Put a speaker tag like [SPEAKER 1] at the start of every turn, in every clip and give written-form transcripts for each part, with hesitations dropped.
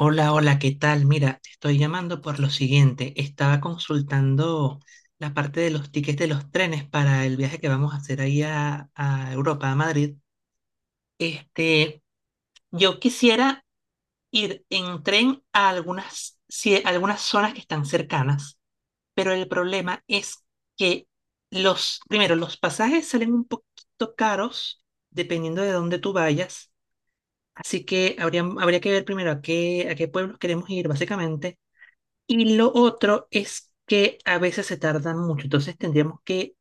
[SPEAKER 1] Hola, hola, ¿qué tal? Mira, te estoy llamando por lo siguiente. Estaba consultando la parte de los tickets de los trenes para el viaje que vamos a hacer ahí a Europa, a Madrid. Este, yo quisiera ir en tren a algunas, sí, a algunas zonas que están cercanas, pero el problema es que los, primero, los pasajes salen un poquito caros dependiendo de dónde tú vayas. Así que habría que ver primero a qué pueblos queremos ir, básicamente. Y lo otro es que a veces se tardan mucho, entonces tendríamos que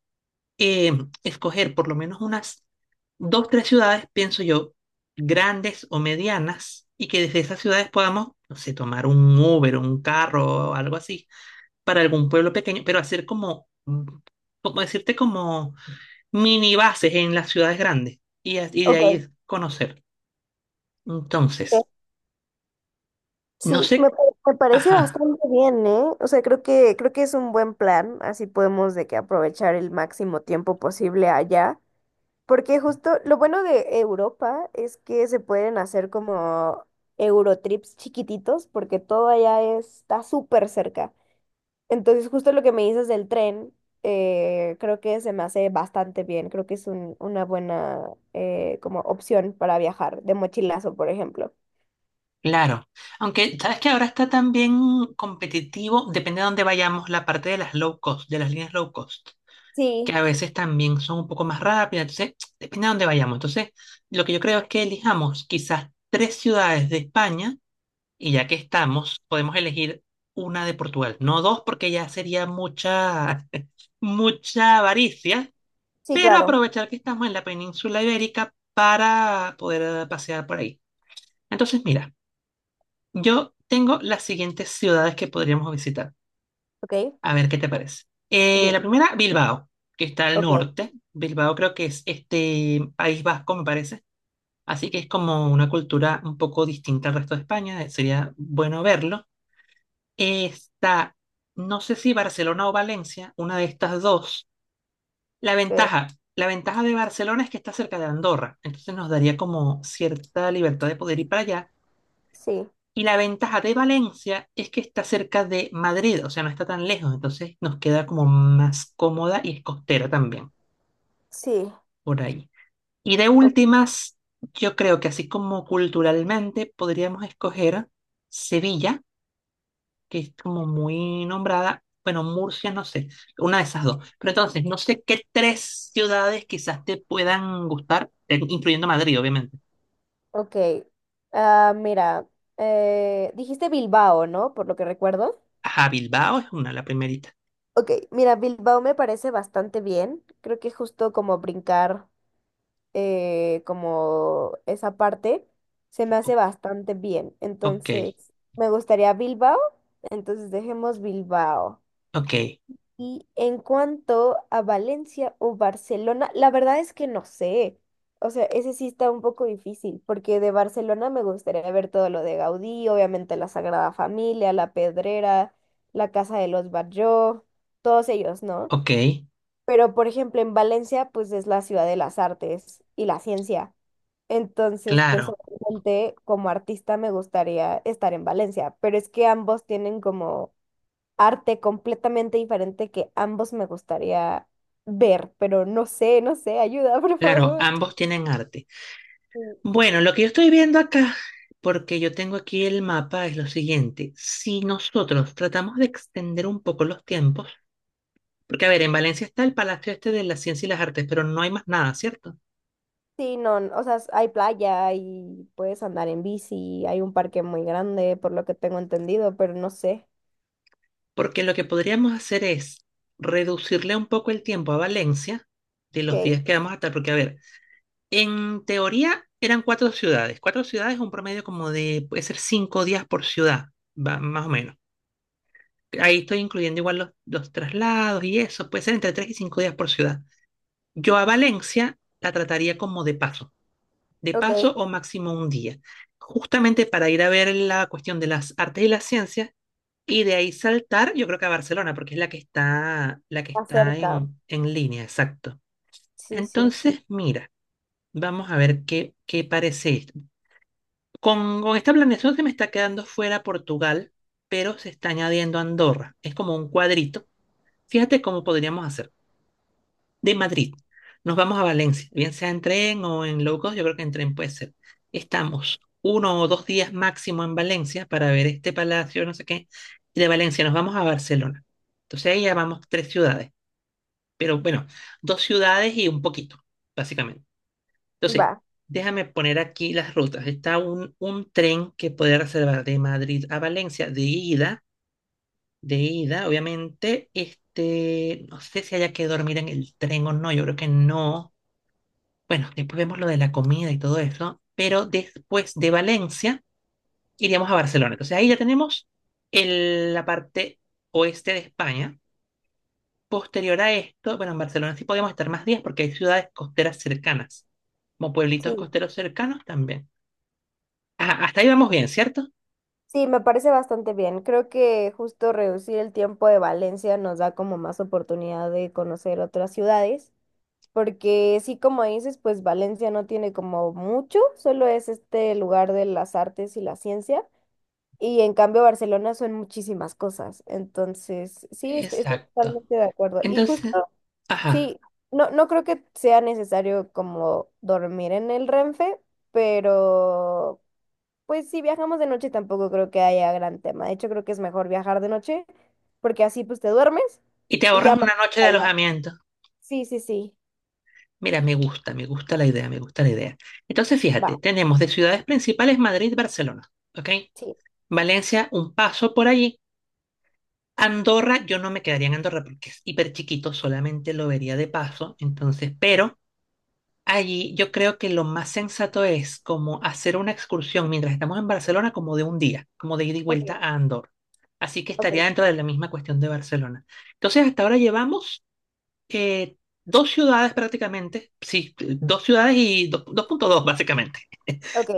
[SPEAKER 1] eh, escoger por lo menos unas dos, tres ciudades, pienso yo, grandes o medianas, y que desde esas ciudades podamos, no sé, tomar un Uber, un carro o algo así, para algún pueblo pequeño, pero hacer como, como decirte, como mini bases en las ciudades grandes, y de
[SPEAKER 2] Ok, ok.
[SPEAKER 1] ahí conocer. Entonces, no
[SPEAKER 2] Sí,
[SPEAKER 1] sé,
[SPEAKER 2] me, me parece
[SPEAKER 1] ajá.
[SPEAKER 2] bastante bien, ¿eh? O sea, creo que es un buen plan, así podemos de que aprovechar el máximo tiempo posible allá, porque justo lo bueno de Europa es que se pueden hacer como Eurotrips chiquititos, porque todo allá está súper cerca. Entonces, justo lo que me dices del tren, creo que se me hace bastante bien, creo que es una buena como opción para viajar de mochilazo, por ejemplo.
[SPEAKER 1] Claro, aunque sabes que ahora está también competitivo, depende de dónde vayamos, la parte de las low cost, de las líneas low cost, que
[SPEAKER 2] Sí,
[SPEAKER 1] a veces también son un poco más rápidas, entonces depende de dónde vayamos. Entonces, lo que yo creo es que elijamos quizás tres ciudades de España y ya que estamos, podemos elegir una de Portugal, no dos porque ya sería mucha, mucha avaricia,
[SPEAKER 2] sí,
[SPEAKER 1] pero
[SPEAKER 2] claro.
[SPEAKER 1] aprovechar que estamos en la península ibérica para poder pasear por ahí. Entonces, mira. Yo tengo las siguientes ciudades que podríamos visitar.
[SPEAKER 2] Ok,
[SPEAKER 1] A ver qué te parece. Eh,
[SPEAKER 2] dime.
[SPEAKER 1] la primera, Bilbao, que está al
[SPEAKER 2] Ok,
[SPEAKER 1] norte. Bilbao creo que es este País Vasco, me parece. Así que es como una cultura un poco distinta al resto de España. Sería bueno verlo. Está, no sé si Barcelona o Valencia, una de estas dos. La
[SPEAKER 2] ok,
[SPEAKER 1] ventaja, la ventaja de Barcelona es que está cerca de Andorra. Entonces nos daría como cierta libertad de poder ir para allá.
[SPEAKER 2] sí,
[SPEAKER 1] Y la ventaja de Valencia es que está cerca de Madrid, o sea, no está tan lejos, entonces nos queda como más cómoda y es costera también,
[SPEAKER 2] sí,
[SPEAKER 1] por ahí. Y de
[SPEAKER 2] o-
[SPEAKER 1] últimas, yo creo que así como culturalmente podríamos escoger Sevilla, que es como muy nombrada, bueno, Murcia, no sé, una de esas dos. Pero entonces, no sé qué tres ciudades quizás te puedan gustar, incluyendo Madrid, obviamente.
[SPEAKER 2] ok. Ah, mira, dijiste Bilbao, ¿no? Por lo que recuerdo.
[SPEAKER 1] Ajá, Bilbao es una, la primerita.
[SPEAKER 2] Ok, mira, Bilbao me parece bastante bien. Creo que justo como brincar como esa parte se me
[SPEAKER 1] O-
[SPEAKER 2] hace bastante bien.
[SPEAKER 1] ok,
[SPEAKER 2] Entonces, me gustaría Bilbao. Entonces, dejemos Bilbao.
[SPEAKER 1] ok,
[SPEAKER 2] Y en cuanto a Valencia o Barcelona, la verdad es que no sé. O sea, ese sí está un poco difícil, porque de Barcelona me gustaría ver todo lo de Gaudí, obviamente la Sagrada Familia, la Pedrera, la Casa de los Batlló, todos ellos, ¿no?
[SPEAKER 1] ok,
[SPEAKER 2] Pero, por ejemplo, en Valencia, pues es la ciudad de las artes y la ciencia. Entonces, pues
[SPEAKER 1] claro.
[SPEAKER 2] obviamente como artista me gustaría estar en Valencia, pero es que ambos tienen como arte completamente diferente que ambos me gustaría ver, pero no sé, no sé, ayuda, por
[SPEAKER 1] Claro,
[SPEAKER 2] favor.
[SPEAKER 1] ambos tienen arte.
[SPEAKER 2] Sí,
[SPEAKER 1] Bueno, lo que yo estoy viendo acá, porque yo tengo aquí el mapa, es lo siguiente. Si nosotros tratamos de extender un poco los tiempos, porque a ver, en Valencia está el Palacio este de la Ciencia y las Artes, pero no hay más nada, ¿cierto?
[SPEAKER 2] sí, no, o sea, hay playa y puedes andar en bici, hay un parque muy grande, por lo que tengo entendido, pero no sé.
[SPEAKER 1] Porque lo que podríamos hacer es reducirle un poco el tiempo a Valencia de los
[SPEAKER 2] Ok,
[SPEAKER 1] días que vamos a estar, porque a ver, en teoría eran cuatro ciudades. Cuatro ciudades, un promedio como de, puede ser 5 días por ciudad, más o menos. Ahí estoy incluyendo igual los traslados y eso. Puede ser entre 3 y 5 días por ciudad. Yo a Valencia la trataría como de paso. De
[SPEAKER 2] ok,
[SPEAKER 1] paso o máximo un día. Justamente para ir a ver la cuestión de las artes y las ciencias. Y de ahí saltar, yo creo que a Barcelona, porque es la que está
[SPEAKER 2] acerca.
[SPEAKER 1] en línea, exacto.
[SPEAKER 2] Sí, sí,
[SPEAKER 1] Entonces, mira, vamos a ver qué parece esto. Con esta planeación se me está quedando fuera Portugal, pero se está añadiendo Andorra. Es como un cuadrito. Fíjate cómo podríamos hacer. De Madrid, nos vamos a Valencia, bien sea en tren o en low cost, yo creo que en tren puede ser. Estamos 1 o 2 días máximo en Valencia para ver este palacio, no sé qué. Y de Valencia nos vamos a Barcelona. Entonces ahí ya vamos tres ciudades, pero bueno, dos ciudades y un poquito, básicamente. Entonces,
[SPEAKER 2] va,
[SPEAKER 1] déjame poner aquí las rutas. Está un tren que puede reservar de Madrid a Valencia de ida, obviamente, no sé si haya que dormir en el tren o no, yo creo que no. Bueno, después vemos lo de la comida y todo eso, pero después de Valencia iríamos a Barcelona. Entonces ahí ya tenemos la parte oeste de España. Posterior a esto, bueno, en Barcelona sí podemos estar más días porque hay ciudades costeras cercanas, como pueblitos
[SPEAKER 2] sí.
[SPEAKER 1] costeros cercanos también. Ajá, hasta ahí vamos bien, ¿cierto?
[SPEAKER 2] Sí, me parece bastante bien. Creo que justo reducir el tiempo de Valencia nos da como más oportunidad de conocer otras ciudades. Porque sí, como dices, pues Valencia no tiene como mucho, solo es este lugar de las artes y la ciencia. Y en cambio Barcelona son muchísimas cosas. Entonces, sí, estoy
[SPEAKER 1] Exacto.
[SPEAKER 2] totalmente de acuerdo. Y justo,
[SPEAKER 1] Entonces, ajá.
[SPEAKER 2] sí, no, no creo que sea necesario como dormir en el Renfe, pero pues si viajamos de noche tampoco creo que haya gran tema. De hecho, creo que es mejor viajar de noche, porque así pues te duermes
[SPEAKER 1] Y te
[SPEAKER 2] y ya
[SPEAKER 1] ahorras
[SPEAKER 2] más
[SPEAKER 1] una noche de
[SPEAKER 2] allá.
[SPEAKER 1] alojamiento.
[SPEAKER 2] Sí, sí, sí.
[SPEAKER 1] Mira, me gusta la idea, me gusta la idea. Entonces,
[SPEAKER 2] Va,
[SPEAKER 1] fíjate, tenemos de ciudades principales Madrid, Barcelona, ¿ok?
[SPEAKER 2] sí.
[SPEAKER 1] Valencia, un paso por allí. Andorra, yo no me quedaría en Andorra porque es hiper chiquito, solamente lo vería de paso. Entonces, pero allí yo creo que lo más sensato es como hacer una excursión mientras estamos en Barcelona, como de un día, como de ida y vuelta
[SPEAKER 2] Ok,
[SPEAKER 1] a Andorra. Así que estaría
[SPEAKER 2] ok.
[SPEAKER 1] dentro de la misma cuestión de Barcelona. Entonces, hasta ahora llevamos eh, dos ciudades prácticamente, sí, dos ciudades y 2.2 básicamente.
[SPEAKER 2] Ok,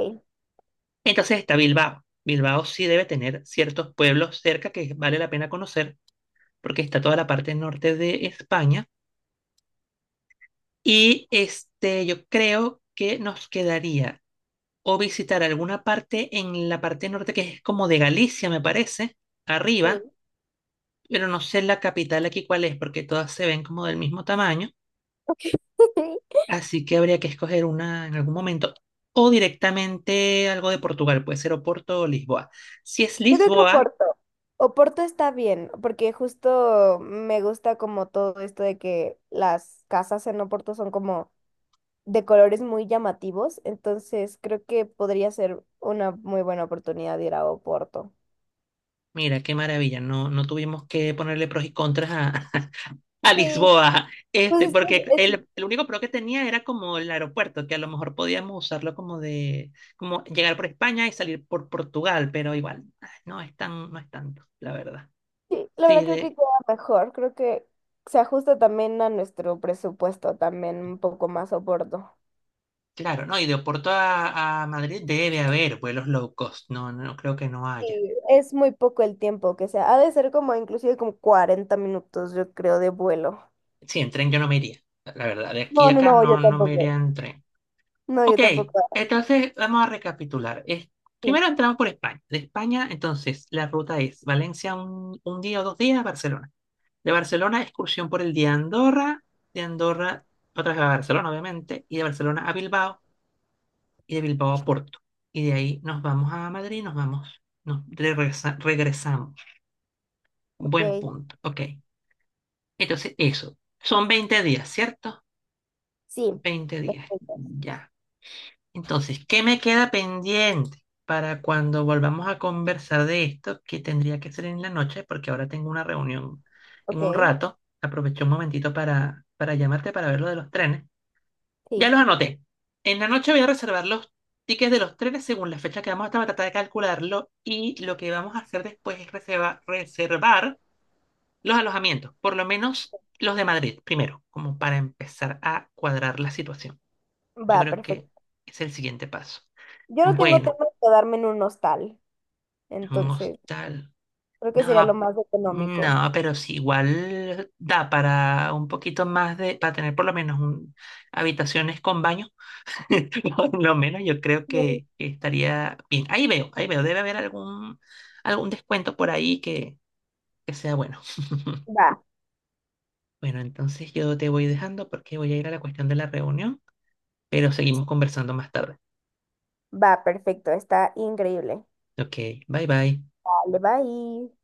[SPEAKER 1] Entonces está Bilbao. Bilbao sí debe tener ciertos pueblos cerca que vale la pena conocer porque está toda la parte norte de España. Y este, yo creo que nos quedaría o visitar alguna parte en la parte norte que es como de Galicia, me parece, arriba,
[SPEAKER 2] sí.
[SPEAKER 1] pero no sé la capital aquí cuál es porque todas se ven como del mismo tamaño. Así que habría que escoger una en algún momento. O directamente algo de Portugal, puede ser Oporto o Lisboa. Si es
[SPEAKER 2] Yo creo que
[SPEAKER 1] Lisboa,
[SPEAKER 2] Oporto. Oporto está bien, porque justo me gusta como todo esto de que las casas en Oporto son como de colores muy llamativos, entonces creo que podría ser una muy buena oportunidad de ir a Oporto.
[SPEAKER 1] mira qué maravilla, no, no tuvimos que ponerle pros y contras a, a
[SPEAKER 2] Sí,
[SPEAKER 1] Lisboa, este,
[SPEAKER 2] pues es
[SPEAKER 1] porque
[SPEAKER 2] que- es-
[SPEAKER 1] el único pro que tenía era como el aeropuerto, que a lo mejor podíamos usarlo como de, como llegar por España y salir por Portugal, pero igual, ah, no es tan, no es tanto, la verdad.
[SPEAKER 2] sí, la
[SPEAKER 1] Sí,
[SPEAKER 2] verdad creo que
[SPEAKER 1] de,
[SPEAKER 2] queda mejor, creo que se ajusta también a nuestro presupuesto, también un poco más Oporto.
[SPEAKER 1] claro, no, y de Oporto a Madrid debe haber vuelos low cost, no, no no creo que no haya.
[SPEAKER 2] Sí, es muy poco el tiempo que sea. Ha de ser como inclusive como 40 minutos, yo creo, de vuelo.
[SPEAKER 1] Sí, en tren yo no me iría. La verdad, de aquí
[SPEAKER 2] No,
[SPEAKER 1] a
[SPEAKER 2] no,
[SPEAKER 1] acá
[SPEAKER 2] no, yo
[SPEAKER 1] no, no me iría
[SPEAKER 2] tampoco.
[SPEAKER 1] en tren.
[SPEAKER 2] No, yo
[SPEAKER 1] Ok,
[SPEAKER 2] tampoco.
[SPEAKER 1] entonces vamos a recapitular. Es-
[SPEAKER 2] Sí,
[SPEAKER 1] primero entramos por España. De España, entonces, la ruta es Valencia un día o dos días a Barcelona. De Barcelona, excursión por el día a Andorra. De Andorra, otra vez a Barcelona, obviamente. Y de Barcelona a Bilbao. Y de Bilbao a Porto. Y de ahí nos vamos a Madrid, nos vamos, nos regresamos. Buen
[SPEAKER 2] ok.
[SPEAKER 1] punto. Ok, entonces eso. Son 20 días, ¿cierto?
[SPEAKER 2] Sí,
[SPEAKER 1] 20 días.
[SPEAKER 2] perfecto.
[SPEAKER 1] Ya. Entonces, ¿qué me queda pendiente para cuando volvamos a conversar de esto, que tendría que ser en la noche, porque ahora tengo una reunión en
[SPEAKER 2] Ok,
[SPEAKER 1] un rato. Aproveché un momentito para llamarte para ver lo de los trenes. Ya
[SPEAKER 2] sí.
[SPEAKER 1] los anoté. En la noche voy a reservar los tickets de los trenes según la fecha que vamos a estar, voy a tratar de calcularlo y lo que vamos a hacer después es reservar los alojamientos, por lo menos los de Madrid primero, como para empezar a cuadrar la situación. Yo
[SPEAKER 2] Va,
[SPEAKER 1] creo que
[SPEAKER 2] perfecto.
[SPEAKER 1] es el siguiente paso.
[SPEAKER 2] Yo no tengo
[SPEAKER 1] Bueno.
[SPEAKER 2] tema de quedarme en un hostal,
[SPEAKER 1] Un
[SPEAKER 2] entonces
[SPEAKER 1] hostal.
[SPEAKER 2] creo que sería lo
[SPEAKER 1] No,
[SPEAKER 2] más económico.
[SPEAKER 1] no, pero sí, igual da para un poquito más de, para tener por lo menos un- habitaciones con baño. Por lo menos yo creo
[SPEAKER 2] Sí,
[SPEAKER 1] que estaría bien. Ahí veo, debe haber algún descuento por ahí que sea bueno.
[SPEAKER 2] va,
[SPEAKER 1] Bueno, entonces yo te voy dejando porque voy a ir a la cuestión de la reunión, pero seguimos conversando más tarde.
[SPEAKER 2] va, perfecto. Está increíble.
[SPEAKER 1] Ok, bye bye.
[SPEAKER 2] Vale, bye.